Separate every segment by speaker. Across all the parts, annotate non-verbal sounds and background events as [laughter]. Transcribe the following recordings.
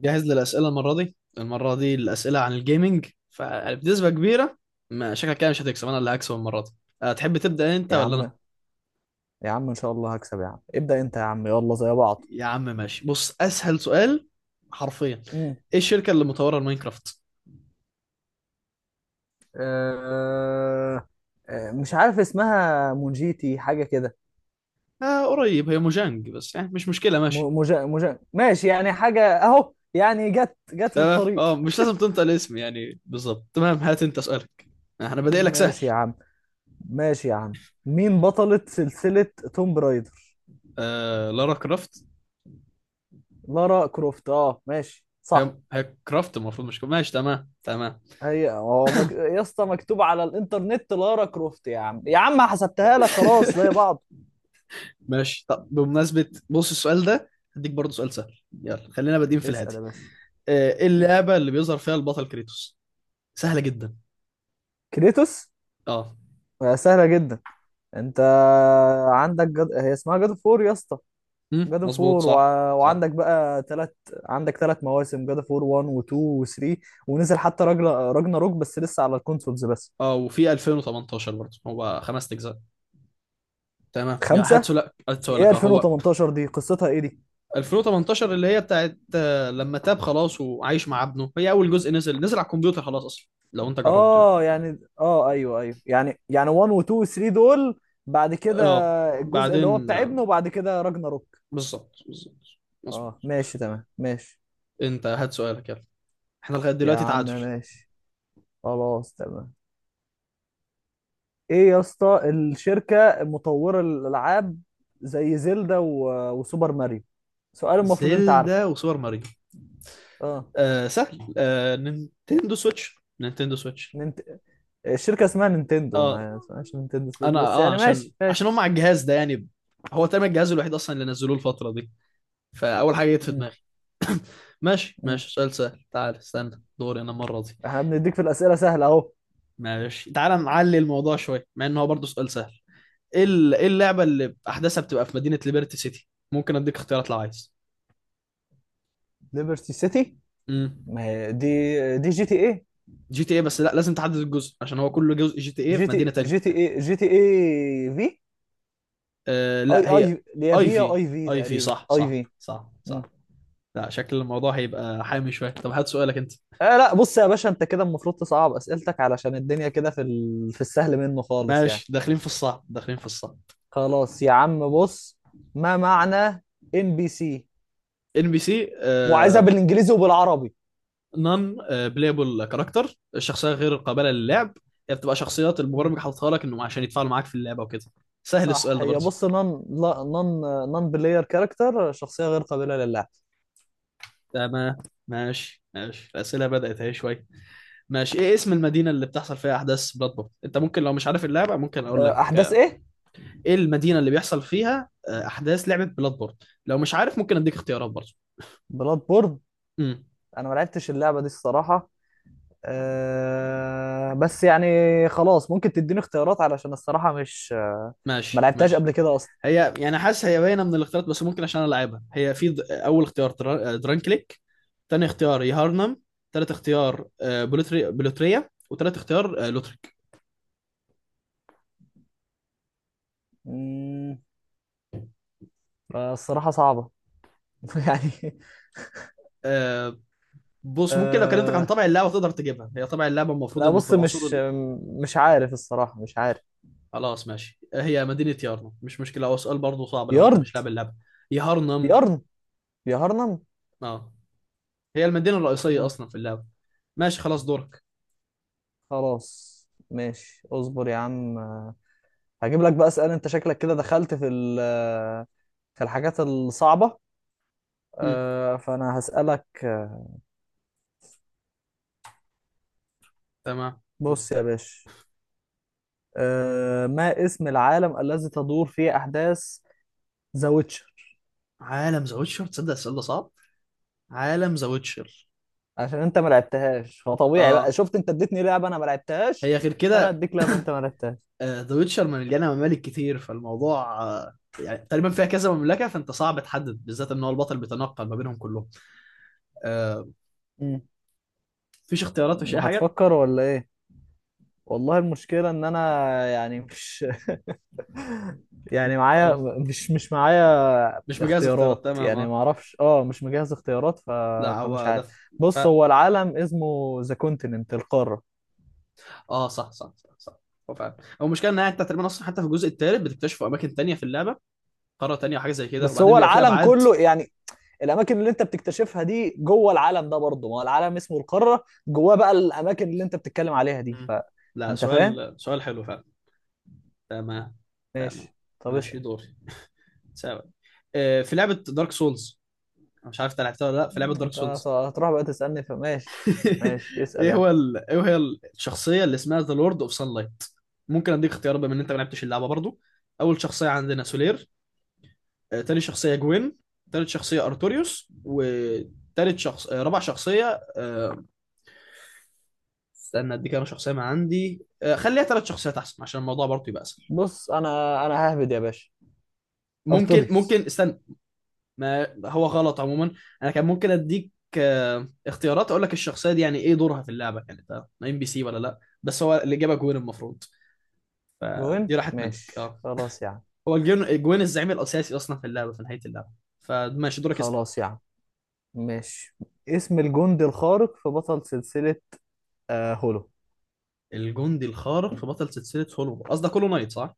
Speaker 1: جاهز للأسئلة المرة دي الأسئلة عن الجيمنج فبنسبة كبيرة، ما شكلك كده مش هتكسب، أنا اللي هكسب المرة دي. تحب تبدأ أنت
Speaker 2: يا
Speaker 1: ولا
Speaker 2: عم،
Speaker 1: أنا؟
Speaker 2: يا عم ان شاء الله هكسب يا عم. ابدأ انت يا عم، يلا زي بعض.
Speaker 1: يا عم ماشي، بص أسهل سؤال حرفيا:
Speaker 2: امم
Speaker 1: إيه الشركة اللي مطورة الماينكرافت؟
Speaker 2: أه... آه، مش عارف اسمها مونجيتي حاجة كده.
Speaker 1: قريب، هي موجانج بس يعني مش مشكلة ماشي.
Speaker 2: مجا ماشي، يعني حاجة اهو، يعني جت جت في
Speaker 1: تمام،
Speaker 2: الطريق.
Speaker 1: مش لازم تنطق الاسم يعني بالظبط. تمام، هات أنت سؤالك. أنا بادئ لك سهل.
Speaker 2: ماشي يا عم، ماشي يا عم. مين بطلة سلسلة توم رايدر؟
Speaker 1: لارا كرافت.
Speaker 2: لارا كروفت، اه ماشي
Speaker 1: هي
Speaker 2: صح.
Speaker 1: هي كرافت المفروض، مش ماشي، تمام تمام.
Speaker 2: يا اسطى مكتوب على الانترنت لارا كروفت، يا عم يا عم حسبتها لك خلاص زي
Speaker 1: [laughs]
Speaker 2: بعض.
Speaker 1: ماشي، طب بمناسبة بص السؤال ده، هديك برضه سؤال سهل، يلا خلينا بادئين في
Speaker 2: اسأل
Speaker 1: الهادي.
Speaker 2: يا باشا.
Speaker 1: ايه اللعبة اللي بيظهر فيها البطل كريتوس؟ سهلة جدا.
Speaker 2: كريتوس؟
Speaker 1: اه،
Speaker 2: سهلة جدا. انت هي اسمها جاد فور يا اسطى. جاد
Speaker 1: مظبوط
Speaker 2: فور و...
Speaker 1: صح، صح.
Speaker 2: وعندك بقى تلات عندك تلات مواسم جاد فور 1 و2 و3. ونزل حتى راجل راجنا روك بس لسه على الكونسولز بس.
Speaker 1: اه، وفي 2018 برضه هو خمس اجزاء. تمام، يا
Speaker 2: خمسة.
Speaker 1: هاتسو لك هاتسو
Speaker 2: هي
Speaker 1: لك اه هو.
Speaker 2: 2018 دي قصتها ايه دي؟
Speaker 1: 2018 اللي هي بتاعت، لما تاب خلاص وعايش مع ابنه، هي اول جزء نزل على الكمبيوتر، خلاص اصلا لو انت جربته
Speaker 2: اه
Speaker 1: يعني.
Speaker 2: يعني ايوه ايوه، يعني 1 و2 و3 دول. بعد كده
Speaker 1: اه،
Speaker 2: الجزء اللي هو
Speaker 1: بعدين
Speaker 2: بتاع ابنه، وبعد كده راجنا روك.
Speaker 1: بالظبط بالظبط، مظبوط.
Speaker 2: اه ماشي تمام، ماشي
Speaker 1: انت هات سؤالك، يلا. احنا لغاية
Speaker 2: يا
Speaker 1: دلوقتي
Speaker 2: عم.
Speaker 1: تعادل.
Speaker 2: ماشي خلاص تمام. ايه يا اسطى الشركة مطورة الالعاب زي وسوبر ماريو؟ سؤال المفروض انت
Speaker 1: زلدا
Speaker 2: عارفه.
Speaker 1: وسوبر ماريو؟
Speaker 2: اه
Speaker 1: سهل. نينتندو سويتش. نينتندو سويتش.
Speaker 2: ننت... الشركة اسمها نينتندو،
Speaker 1: اه،
Speaker 2: ما اسمهاش نينتندو سويتش،
Speaker 1: انا
Speaker 2: بس
Speaker 1: اه
Speaker 2: يعني
Speaker 1: عشان
Speaker 2: ماشي ماشي.
Speaker 1: هم على الجهاز ده يعني. هو تقريبا الجهاز الوحيد اصلا اللي نزلوه الفتره دي، فاول حاجه جت في
Speaker 2: مم.
Speaker 1: دماغي. ماشي
Speaker 2: مم.
Speaker 1: ماشي، سؤال سهل. تعال استنى، دوري انا المره دي.
Speaker 2: احنا بنديك في الأسئلة سهلة اهو.
Speaker 1: ماشي، تعال نعلي الموضوع شويه، مع ان هو برضه سؤال سهل. إيه اللعبه اللي احداثها بتبقى في مدينه ليبرتي سيتي؟ ممكن اديك اختيارات لو عايز.
Speaker 2: ليبرتي سيتي.
Speaker 1: امم
Speaker 2: ما هي دي جي تي ايه.
Speaker 1: جي تي اي، بس لا لازم تحدد الجزء عشان هو كل جزء جي تي اي في مدينه تانية.
Speaker 2: جي تي ايه، جي تي ايه في. اي
Speaker 1: لا، هي
Speaker 2: اي اللي هي في أو
Speaker 1: ايفي.
Speaker 2: اي في،
Speaker 1: ايفي
Speaker 2: تقريبا
Speaker 1: صح
Speaker 2: اي
Speaker 1: صح
Speaker 2: في.
Speaker 1: صح صح. لا، شكل الموضوع هيبقى حامي شويه. طب هات سؤالك انت.
Speaker 2: آه لا بص يا باشا، انت كده المفروض تصعب اسئلتك، علشان الدنيا كده في السهل منه خالص يعني.
Speaker 1: ماشي، داخلين في الصعب داخلين في الصعب.
Speaker 2: خلاص يا عم، بص. ما معنى ان بي سي؟
Speaker 1: ان بي سي؟
Speaker 2: وعايزها بالانجليزي وبالعربي.
Speaker 1: نون بلايبل كاركتر، الشخصيه غير قابله للعب. هي بتبقى شخصيات
Speaker 2: مم.
Speaker 1: المبرمج حاططها لك، انه عشان يتفاعلوا معاك في اللعبه وكده. سهل
Speaker 2: صح،
Speaker 1: السؤال ده
Speaker 2: هي
Speaker 1: برضه.
Speaker 2: بص نون لا نون. نون بلاير كاركتر، شخصية غير قابلة للعب.
Speaker 1: تمام. ماشي ماشي، الاسئله بدات اهي شويه. ماشي، ايه اسم المدينه اللي بتحصل فيها احداث بلاد بورن؟ انت ممكن، لو مش عارف اللعبه، ممكن اقول لك.
Speaker 2: احداث ايه؟
Speaker 1: ايه المدينه اللي بيحصل فيها احداث لعبه بلاد بورن؟ لو مش عارف ممكن اديك اختيارات برضه.
Speaker 2: بلاد بورد.
Speaker 1: امم
Speaker 2: انا ما لعبتش اللعبة دي الصراحة. بس يعني، خلاص ممكن تديني اختيارات، علشان الصراحة مش ما
Speaker 1: ماشي
Speaker 2: لعبتهاش
Speaker 1: ماشي.
Speaker 2: قبل كده اصلا.
Speaker 1: هي يعني حاسس هي باينه من الاختيارات، بس ممكن عشان العبها. هي في اول اختيار درانكليك، تاني اختيار يهارنم، تالت اختيار بلوتريا، وتالت اختيار لوتريك.
Speaker 2: مم. فالصراحة صعبة، [laughs] يعني.
Speaker 1: آه، بص ممكن لو كلمتك عن
Speaker 2: آه
Speaker 1: طبع اللعبه تقدر تجيبها. هي طبع اللعبه المفروض
Speaker 2: لا
Speaker 1: انه في
Speaker 2: بص،
Speaker 1: العصور
Speaker 2: مش مش عارف الصراحة، مش عارف.
Speaker 1: خلاص ماشي، هي مدينه يارنم، مش مشكله، هو سؤال برضه صعب لو انت
Speaker 2: يرض
Speaker 1: مش لاعب اللعبه. يهارنم.
Speaker 2: يرض يهرنم.
Speaker 1: اه، هي المدينة الرئيسية
Speaker 2: مم.
Speaker 1: أصلا في اللعبة. ماشي خلاص، دورك.
Speaker 2: خلاص ماشي، اصبر يا عم. هجيب لك بقى اسئلة. انت شكلك كده دخلت في الحاجات الصعبة.
Speaker 1: مم.
Speaker 2: فانا هسألك
Speaker 1: تمام.
Speaker 2: بص يا
Speaker 1: مستني.
Speaker 2: باشا. ما اسم العالم الذي تدور فيه احداث ذا ويتشر؟
Speaker 1: عالم ذا ويتشر؟ تصدق السؤال ده صعب. عالم ذا ويتشر.
Speaker 2: عشان انت ما لعبتهاش، فطبيعي بقى،
Speaker 1: اه،
Speaker 2: شفت انت اديتني لعبة انا ما لعبتهاش،
Speaker 1: هي غير
Speaker 2: فانا
Speaker 1: كده.
Speaker 2: هديك لعبة انت ما لعبتهاش.
Speaker 1: ذا ويتشر مليانة ممالك كتير فالموضوع، يعني تقريبا فيها كذا مملكة، فأنت صعب تحدد بالذات إن هو البطل بيتنقل ما بينهم كلهم. آه مفيش اختيارات، مفيش أي حاجة.
Speaker 2: هتفكر ولا ايه؟ والله المشكلة ان انا، يعني مش، [laughs] يعني معايا
Speaker 1: اه،
Speaker 2: مش مش معايا
Speaker 1: مش مجهز اختيارات،
Speaker 2: اختيارات،
Speaker 1: تمام
Speaker 2: يعني
Speaker 1: اه.
Speaker 2: ما اعرفش. اه مش مجهز اختيارات،
Speaker 1: لا
Speaker 2: فمش
Speaker 1: هو ده
Speaker 2: عارف.
Speaker 1: ف...
Speaker 2: بص، هو العالم اسمه ذا كونتيننت، القارة.
Speaker 1: اه صح صح صح صح. هو فعلا. هو المشكلة إنها أنت تقريبا أصلا حتى في الجزء الثالث بتكتشفوا أماكن تانية في اللعبة، قارة تانية وحاجة زي كده،
Speaker 2: بس
Speaker 1: وبعدين
Speaker 2: هو
Speaker 1: بيبقى في
Speaker 2: العالم
Speaker 1: أبعاد.
Speaker 2: كله يعني. الاماكن اللي انت بتكتشفها دي جوه العالم ده برضه، ما هو العالم اسمه القارة، جواه بقى الاماكن اللي انت بتتكلم عليها دي.
Speaker 1: مم. لا،
Speaker 2: فانت فاهم.
Speaker 1: سؤال حلو فعلا. تمام. تمام.
Speaker 2: ماشي، طب
Speaker 1: ماشي،
Speaker 2: اسأل.
Speaker 1: دوري. سوا. في لعبة دارك سولز، مش عارف انت لعبتها ولا لا. في لعبة دارك
Speaker 2: انت
Speaker 1: سولز
Speaker 2: هتروح بقى تسألني، فماشي ماشي.
Speaker 1: [laughs]
Speaker 2: اسأل يا.
Speaker 1: ايه هي الشخصية اللي اسمها ذا لورد اوف لايت؟ ممكن اديك اختيار بما ان انت ما لعبتش اللعبة برضو. اول شخصية عندنا سولير، تاني شخصية جوين، تالت شخصية ارتوريوس، وتالت شخص آه، رابع شخصية، استنى اديك انا شخصية ما عندي، خليها تلات شخصيات احسن عشان الموضوع برضو يبقى اسهل.
Speaker 2: بص انا ههبد يا باشا.
Speaker 1: ممكن
Speaker 2: ارتوريس.
Speaker 1: ممكن استنى. ما هو غلط عموما، انا كان ممكن اديك اختيارات اقول لك الشخصيه دي يعني ايه دورها في اللعبه يعني، ده ام بي سي ولا لا. بس هو الاجابه جوين المفروض. فدي
Speaker 2: جوين،
Speaker 1: راحت منك
Speaker 2: ماشي
Speaker 1: اه.
Speaker 2: خلاص يا عم.
Speaker 1: هو الجوين الزعيم الاساسي اصلا في اللعبه في نهايه اللعبه. فماشي، دورك، اسال.
Speaker 2: خلاص يا عم، ماشي. اسم الجندي الخارق في بطل سلسلة؟ هولو.
Speaker 1: الجندي الخارق في بطل سلسله هولو، قصدك هولو نايت صح؟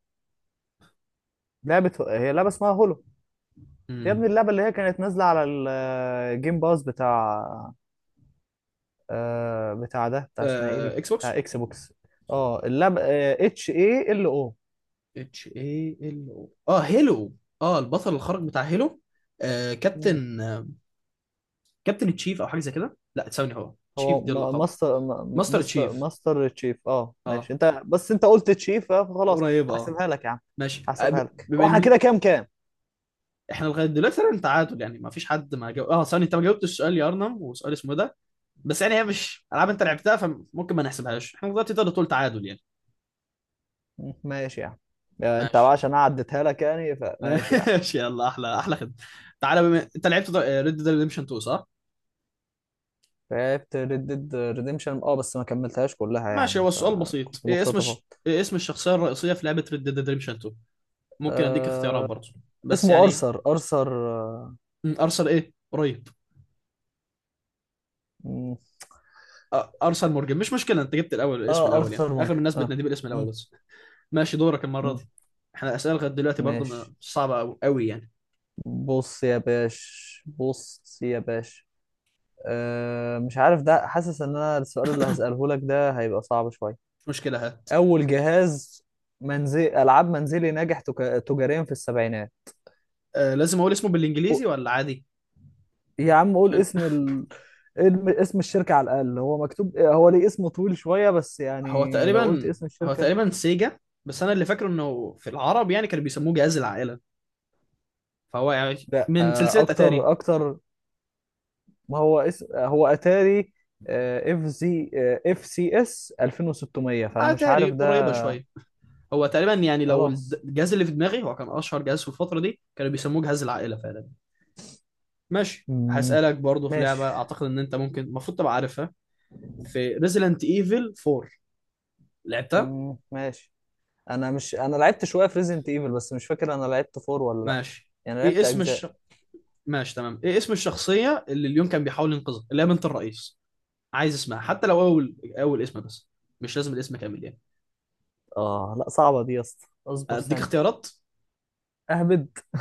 Speaker 2: لعبة اسمها هولو. يا ابني
Speaker 1: امم
Speaker 2: اللعبة اللي هي كانت نازلة على الجيم باز، بتاع اسمها ايه دي،
Speaker 1: اكس بوكس.
Speaker 2: بتاع اكس بوكس. اه اللعبة اتش اي ال.
Speaker 1: اتش اي ال او، هيلو. اه، البطل الخارق بتاع هيلو.
Speaker 2: او
Speaker 1: كابتن كابتن تشيف، او حاجه زي كده. لا ثواني، هو تشيف
Speaker 2: هو
Speaker 1: دي
Speaker 2: م-
Speaker 1: اللقب.
Speaker 2: ماستر م-
Speaker 1: ماستر
Speaker 2: مستر
Speaker 1: تشيف.
Speaker 2: ماستر تشيف. اه ماشي.
Speaker 1: اه
Speaker 2: انت بس انت قلت تشيف، فخلاص.
Speaker 1: قريب اه.
Speaker 2: هحسبها لك يا عم،
Speaker 1: ماشي
Speaker 2: هحسبها لك.
Speaker 1: بما
Speaker 2: هو احنا
Speaker 1: ان
Speaker 2: كده كام، كام؟
Speaker 1: احنا لغايه دلوقتي تقريبا تعادل، يعني ما فيش حد ما جاوب، اه ثاني انت ما جاوبتش سؤال يا ارنم وسؤال اسمه إيه ده. بس يعني هي مش العاب انت لعبتها فممكن ما نحسبهاش احنا دلوقتي. تقدر تقول تعادل يعني.
Speaker 2: ماشي يا عم. انت بقى،
Speaker 1: ماشي.
Speaker 2: عشان أنا عديتها لك يعني،
Speaker 1: [laughs]
Speaker 2: فماشي يا عم.
Speaker 1: ماشي، يلا، احلى احلى خدمه. تعالى، بما انت لعبت ريد ديد ريدمشن 2 صح؟
Speaker 2: لعبت ريد ديد ريديمشن، اه بس ما كملتهاش كلها
Speaker 1: ماشي،
Speaker 2: يعني،
Speaker 1: هو السؤال بسيط:
Speaker 2: فكنت مقتطفة.
Speaker 1: ايه اسم الشخصيه الرئيسيه في لعبه ريد ديد ريدمشن 2؟ ممكن اديك
Speaker 2: آه
Speaker 1: اختيارات برضه، بس
Speaker 2: اسمه
Speaker 1: يعني.
Speaker 2: ارثر اه.
Speaker 1: ارسل ايه، قريب.
Speaker 2: مم.
Speaker 1: ارسل مورجن، مش مشكله انت جبت الاول الاسم الاول، يعني
Speaker 2: ارثر
Speaker 1: اغلب
Speaker 2: مورجان،
Speaker 1: الناس
Speaker 2: اه.
Speaker 1: بتناديه بالاسم الاول
Speaker 2: مم.
Speaker 1: بس. ماشي، دورك المرة
Speaker 2: مم.
Speaker 1: دي. احنا الأسئلة لغاية دلوقتي برضو
Speaker 2: ماشي.
Speaker 1: صعبة أوي أوي يعني.
Speaker 2: بص يا باش، بص يا باش. مش عارف ده، حاسس ان انا السؤال اللي هسأله لك ده هيبقى صعب شوية.
Speaker 1: مش مشكلة، هات.
Speaker 2: اول جهاز منزل، العاب منزلي ناجح تجاريا في السبعينات.
Speaker 1: لازم أقول اسمه
Speaker 2: قو-
Speaker 1: بالإنجليزي ولا عادي؟
Speaker 2: يا عم قول
Speaker 1: عشان
Speaker 2: اسم الشركة على الأقل. هو مكتوب، هو ليه اسم طويل شوية بس يعني.
Speaker 1: هو
Speaker 2: لو قلت
Speaker 1: تقريبا
Speaker 2: اسم
Speaker 1: هو
Speaker 2: الشركة.
Speaker 1: تقريبا سيجا. بس أنا اللي فاكره إنه في العرب يعني كانوا بيسموه جهاز العائلة. فهو يعني
Speaker 2: لا
Speaker 1: من
Speaker 2: أه،
Speaker 1: سلسلة أتاري.
Speaker 2: اكتر اكتر. ما هو اسم، هو اتاري. اف زي، اف سي اس 2600. فانا مش
Speaker 1: أتاري
Speaker 2: عارف ده.
Speaker 1: قريبة شوية. هو تقريبا يعني لو
Speaker 2: خلاص.
Speaker 1: الجهاز اللي في دماغي، هو كان أشهر جهاز في الفترة دي كانوا بيسموه جهاز العائلة فعلا. ماشي،
Speaker 2: مم،
Speaker 1: هسألك برضو، في
Speaker 2: ماشي.
Speaker 1: لعبة أعتقد إن أنت ممكن المفروض تبقى عارفها، في ريزيدنت ايفل 4، لعبتها؟
Speaker 2: مم، ماشي. انا مش، انا لعبت شويه في ريزنت ايفل، بس مش فاكر انا لعبت فور ولا لا.
Speaker 1: ماشي،
Speaker 2: يعني
Speaker 1: ايه
Speaker 2: لعبت
Speaker 1: اسم الش...
Speaker 2: اجزاء.
Speaker 1: ماشي تمام، ايه اسم الشخصية اللي اليوم كان بيحاول ينقذها، اللي هي بنت الرئيس؟ عايز اسمها حتى لو اول اسم بس، مش لازم الاسم كامل يعني.
Speaker 2: اه لا صعبه دي يا اسطى، اصبر
Speaker 1: اديك
Speaker 2: ثانيه.
Speaker 1: اختيارات؟
Speaker 2: اهبد [laughs]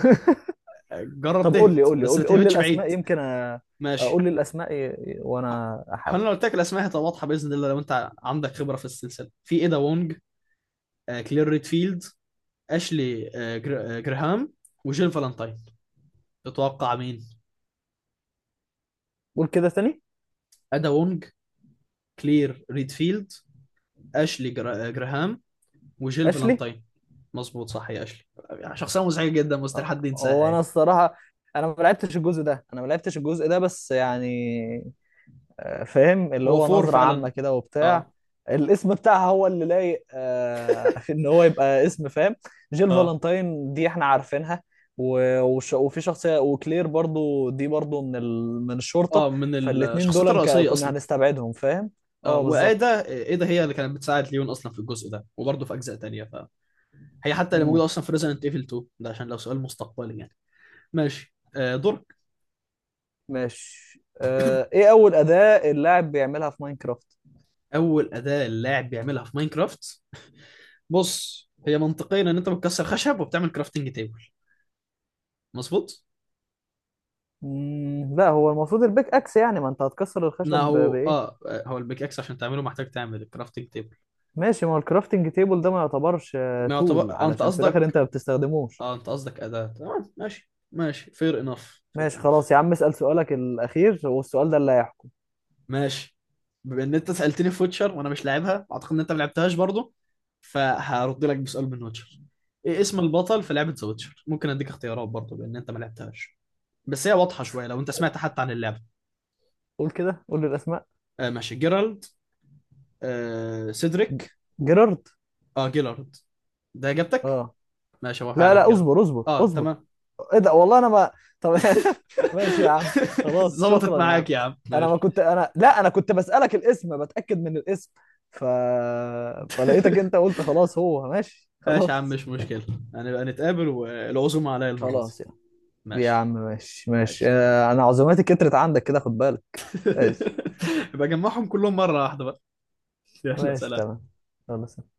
Speaker 1: جرب
Speaker 2: طب قول لي
Speaker 1: تهبط
Speaker 2: قول لي
Speaker 1: بس
Speaker 2: قول
Speaker 1: ما
Speaker 2: لي قول لي
Speaker 1: تهبطش بعيد.
Speaker 2: الاسماء، يمكن اقول
Speaker 1: ماشي،
Speaker 2: لي الاسماء وانا احاول.
Speaker 1: هل لو قلت لك الاسماء هتبقى واضحة باذن الله لو انت عندك خبرة في السلسلة؟ في ايدا وونج، كلير ريدفيلد، اشلي جراهام، وجيل فالنتاين. تتوقع مين؟
Speaker 2: قول كده تاني.
Speaker 1: ادا وونج، كلير ريدفيلد، اشلي جراهام، وجيل
Speaker 2: اشلي.
Speaker 1: فالنتاين. مظبوط صح يا اشلي. شخصيه مزعجه جدا مستحيل حد ينساها
Speaker 2: هو انا
Speaker 1: يعني.
Speaker 2: الصراحه. انا ما لعبتش الجزء ده، بس يعني فاهم اللي
Speaker 1: هو
Speaker 2: هو
Speaker 1: فور
Speaker 2: نظرة عامة
Speaker 1: فعلا.
Speaker 2: كده وبتاع.
Speaker 1: اه.
Speaker 2: الاسم بتاعها هو اللي لايق، [laughs] ان هو يبقى اسم، فاهم. جيل
Speaker 1: اه
Speaker 2: فالنتاين دي احنا عارفينها. وفي شخصية، وكلير برضو دي من الشرطة.
Speaker 1: اه، من
Speaker 2: فالاتنين
Speaker 1: الشخصيات
Speaker 2: دول
Speaker 1: الرئيسيه
Speaker 2: كنا
Speaker 1: اصلا.
Speaker 2: هنستبعدهم فاهم.
Speaker 1: اه،
Speaker 2: اه بالظبط.
Speaker 1: وايدا، ايدا هي اللي كانت بتساعد ليون اصلا في الجزء ده وبرضه في اجزاء تانية فهي حتى اللي
Speaker 2: مم،
Speaker 1: موجوده اصلا في ريزنت ايفل 2 ده، عشان لو سؤال مستقبلي يعني. ماشي دورك.
Speaker 2: ماشي. ايه اول أداة اللاعب بيعملها في ماينكرافت؟
Speaker 1: اول اداه اللاعب بيعملها في ماينكرافت. بص، هي منطقيا ان انت بتكسر خشب وبتعمل كرافتنج تيبل، مظبوط؟
Speaker 2: مم، لا هو المفروض البيك اكس، يعني ما انت هتكسر الخشب
Speaker 1: ما هو
Speaker 2: بايه؟
Speaker 1: اه، هو البيك اكس عشان تعمله محتاج تعمل الكرافتنج تيبل.
Speaker 2: ماشي، ما هو الكرافتنج تيبل ده ما يعتبرش
Speaker 1: ما
Speaker 2: تول،
Speaker 1: يعتبر انت
Speaker 2: علشان في الاخر
Speaker 1: قصدك؟
Speaker 2: انت ما بتستخدموش.
Speaker 1: اه انت قصدك اداة. تمام ماشي ماشي، فير انف فير
Speaker 2: ماشي خلاص
Speaker 1: انف.
Speaker 2: يا عم، اسأل سؤالك الاخير والسؤال ده اللي هيحكم.
Speaker 1: ماشي، بما ان انت سالتني في ويتشر وانا مش لاعبها، اعتقد ان انت ما لعبتهاش برضه، فهرد لك بسؤال من ويتشر. ايه اسم البطل في لعبه ذا ويتشر؟ ممكن اديك اختيارات برضه بان انت ما لعبتهاش، بس هي واضحه شويه لو انت سمعت حتى عن اللعبه.
Speaker 2: قول كده، قول لي الاسماء.
Speaker 1: ماشي، جيرالد،
Speaker 2: ج-
Speaker 1: سيدريك.
Speaker 2: جيرارد.
Speaker 1: اه جيلارد، ده اجابتك.
Speaker 2: اه
Speaker 1: ماشي، هو
Speaker 2: لا
Speaker 1: فعلا
Speaker 2: لا،
Speaker 1: جيرالد.
Speaker 2: اصبر اصبر
Speaker 1: اه
Speaker 2: اصبر.
Speaker 1: تمام.
Speaker 2: ايه ده، والله انا ما. طب [laughs] ماشي يا عم.
Speaker 1: [laughs]
Speaker 2: خلاص
Speaker 1: ظبطت
Speaker 2: شكرا يا عم.
Speaker 1: معاك يا عم،
Speaker 2: انا ما
Speaker 1: ماشي.
Speaker 2: كنت، انا لا، انا كنت بسألك الاسم، بتأكد من الاسم. ف... فلقيتك انت
Speaker 1: [laughs]
Speaker 2: قلت خلاص، هو ماشي
Speaker 1: ماشي يا عم
Speaker 2: خلاص.
Speaker 1: مش مشكلة. هنبقى نتقابل والعزومة عليا المرة دي.
Speaker 2: خلاص يا عم، يا عم
Speaker 1: ماشي.
Speaker 2: ماشي ماشي.
Speaker 1: ماشي تمام.
Speaker 2: انا عزوماتي كترت عندك كده، خد بالك. ماشي،
Speaker 1: [laughs] يبقى جمعهم كلهم مرة واحدة بقى. يلا
Speaker 2: ماشي
Speaker 1: سلام.
Speaker 2: تمام، خلاص.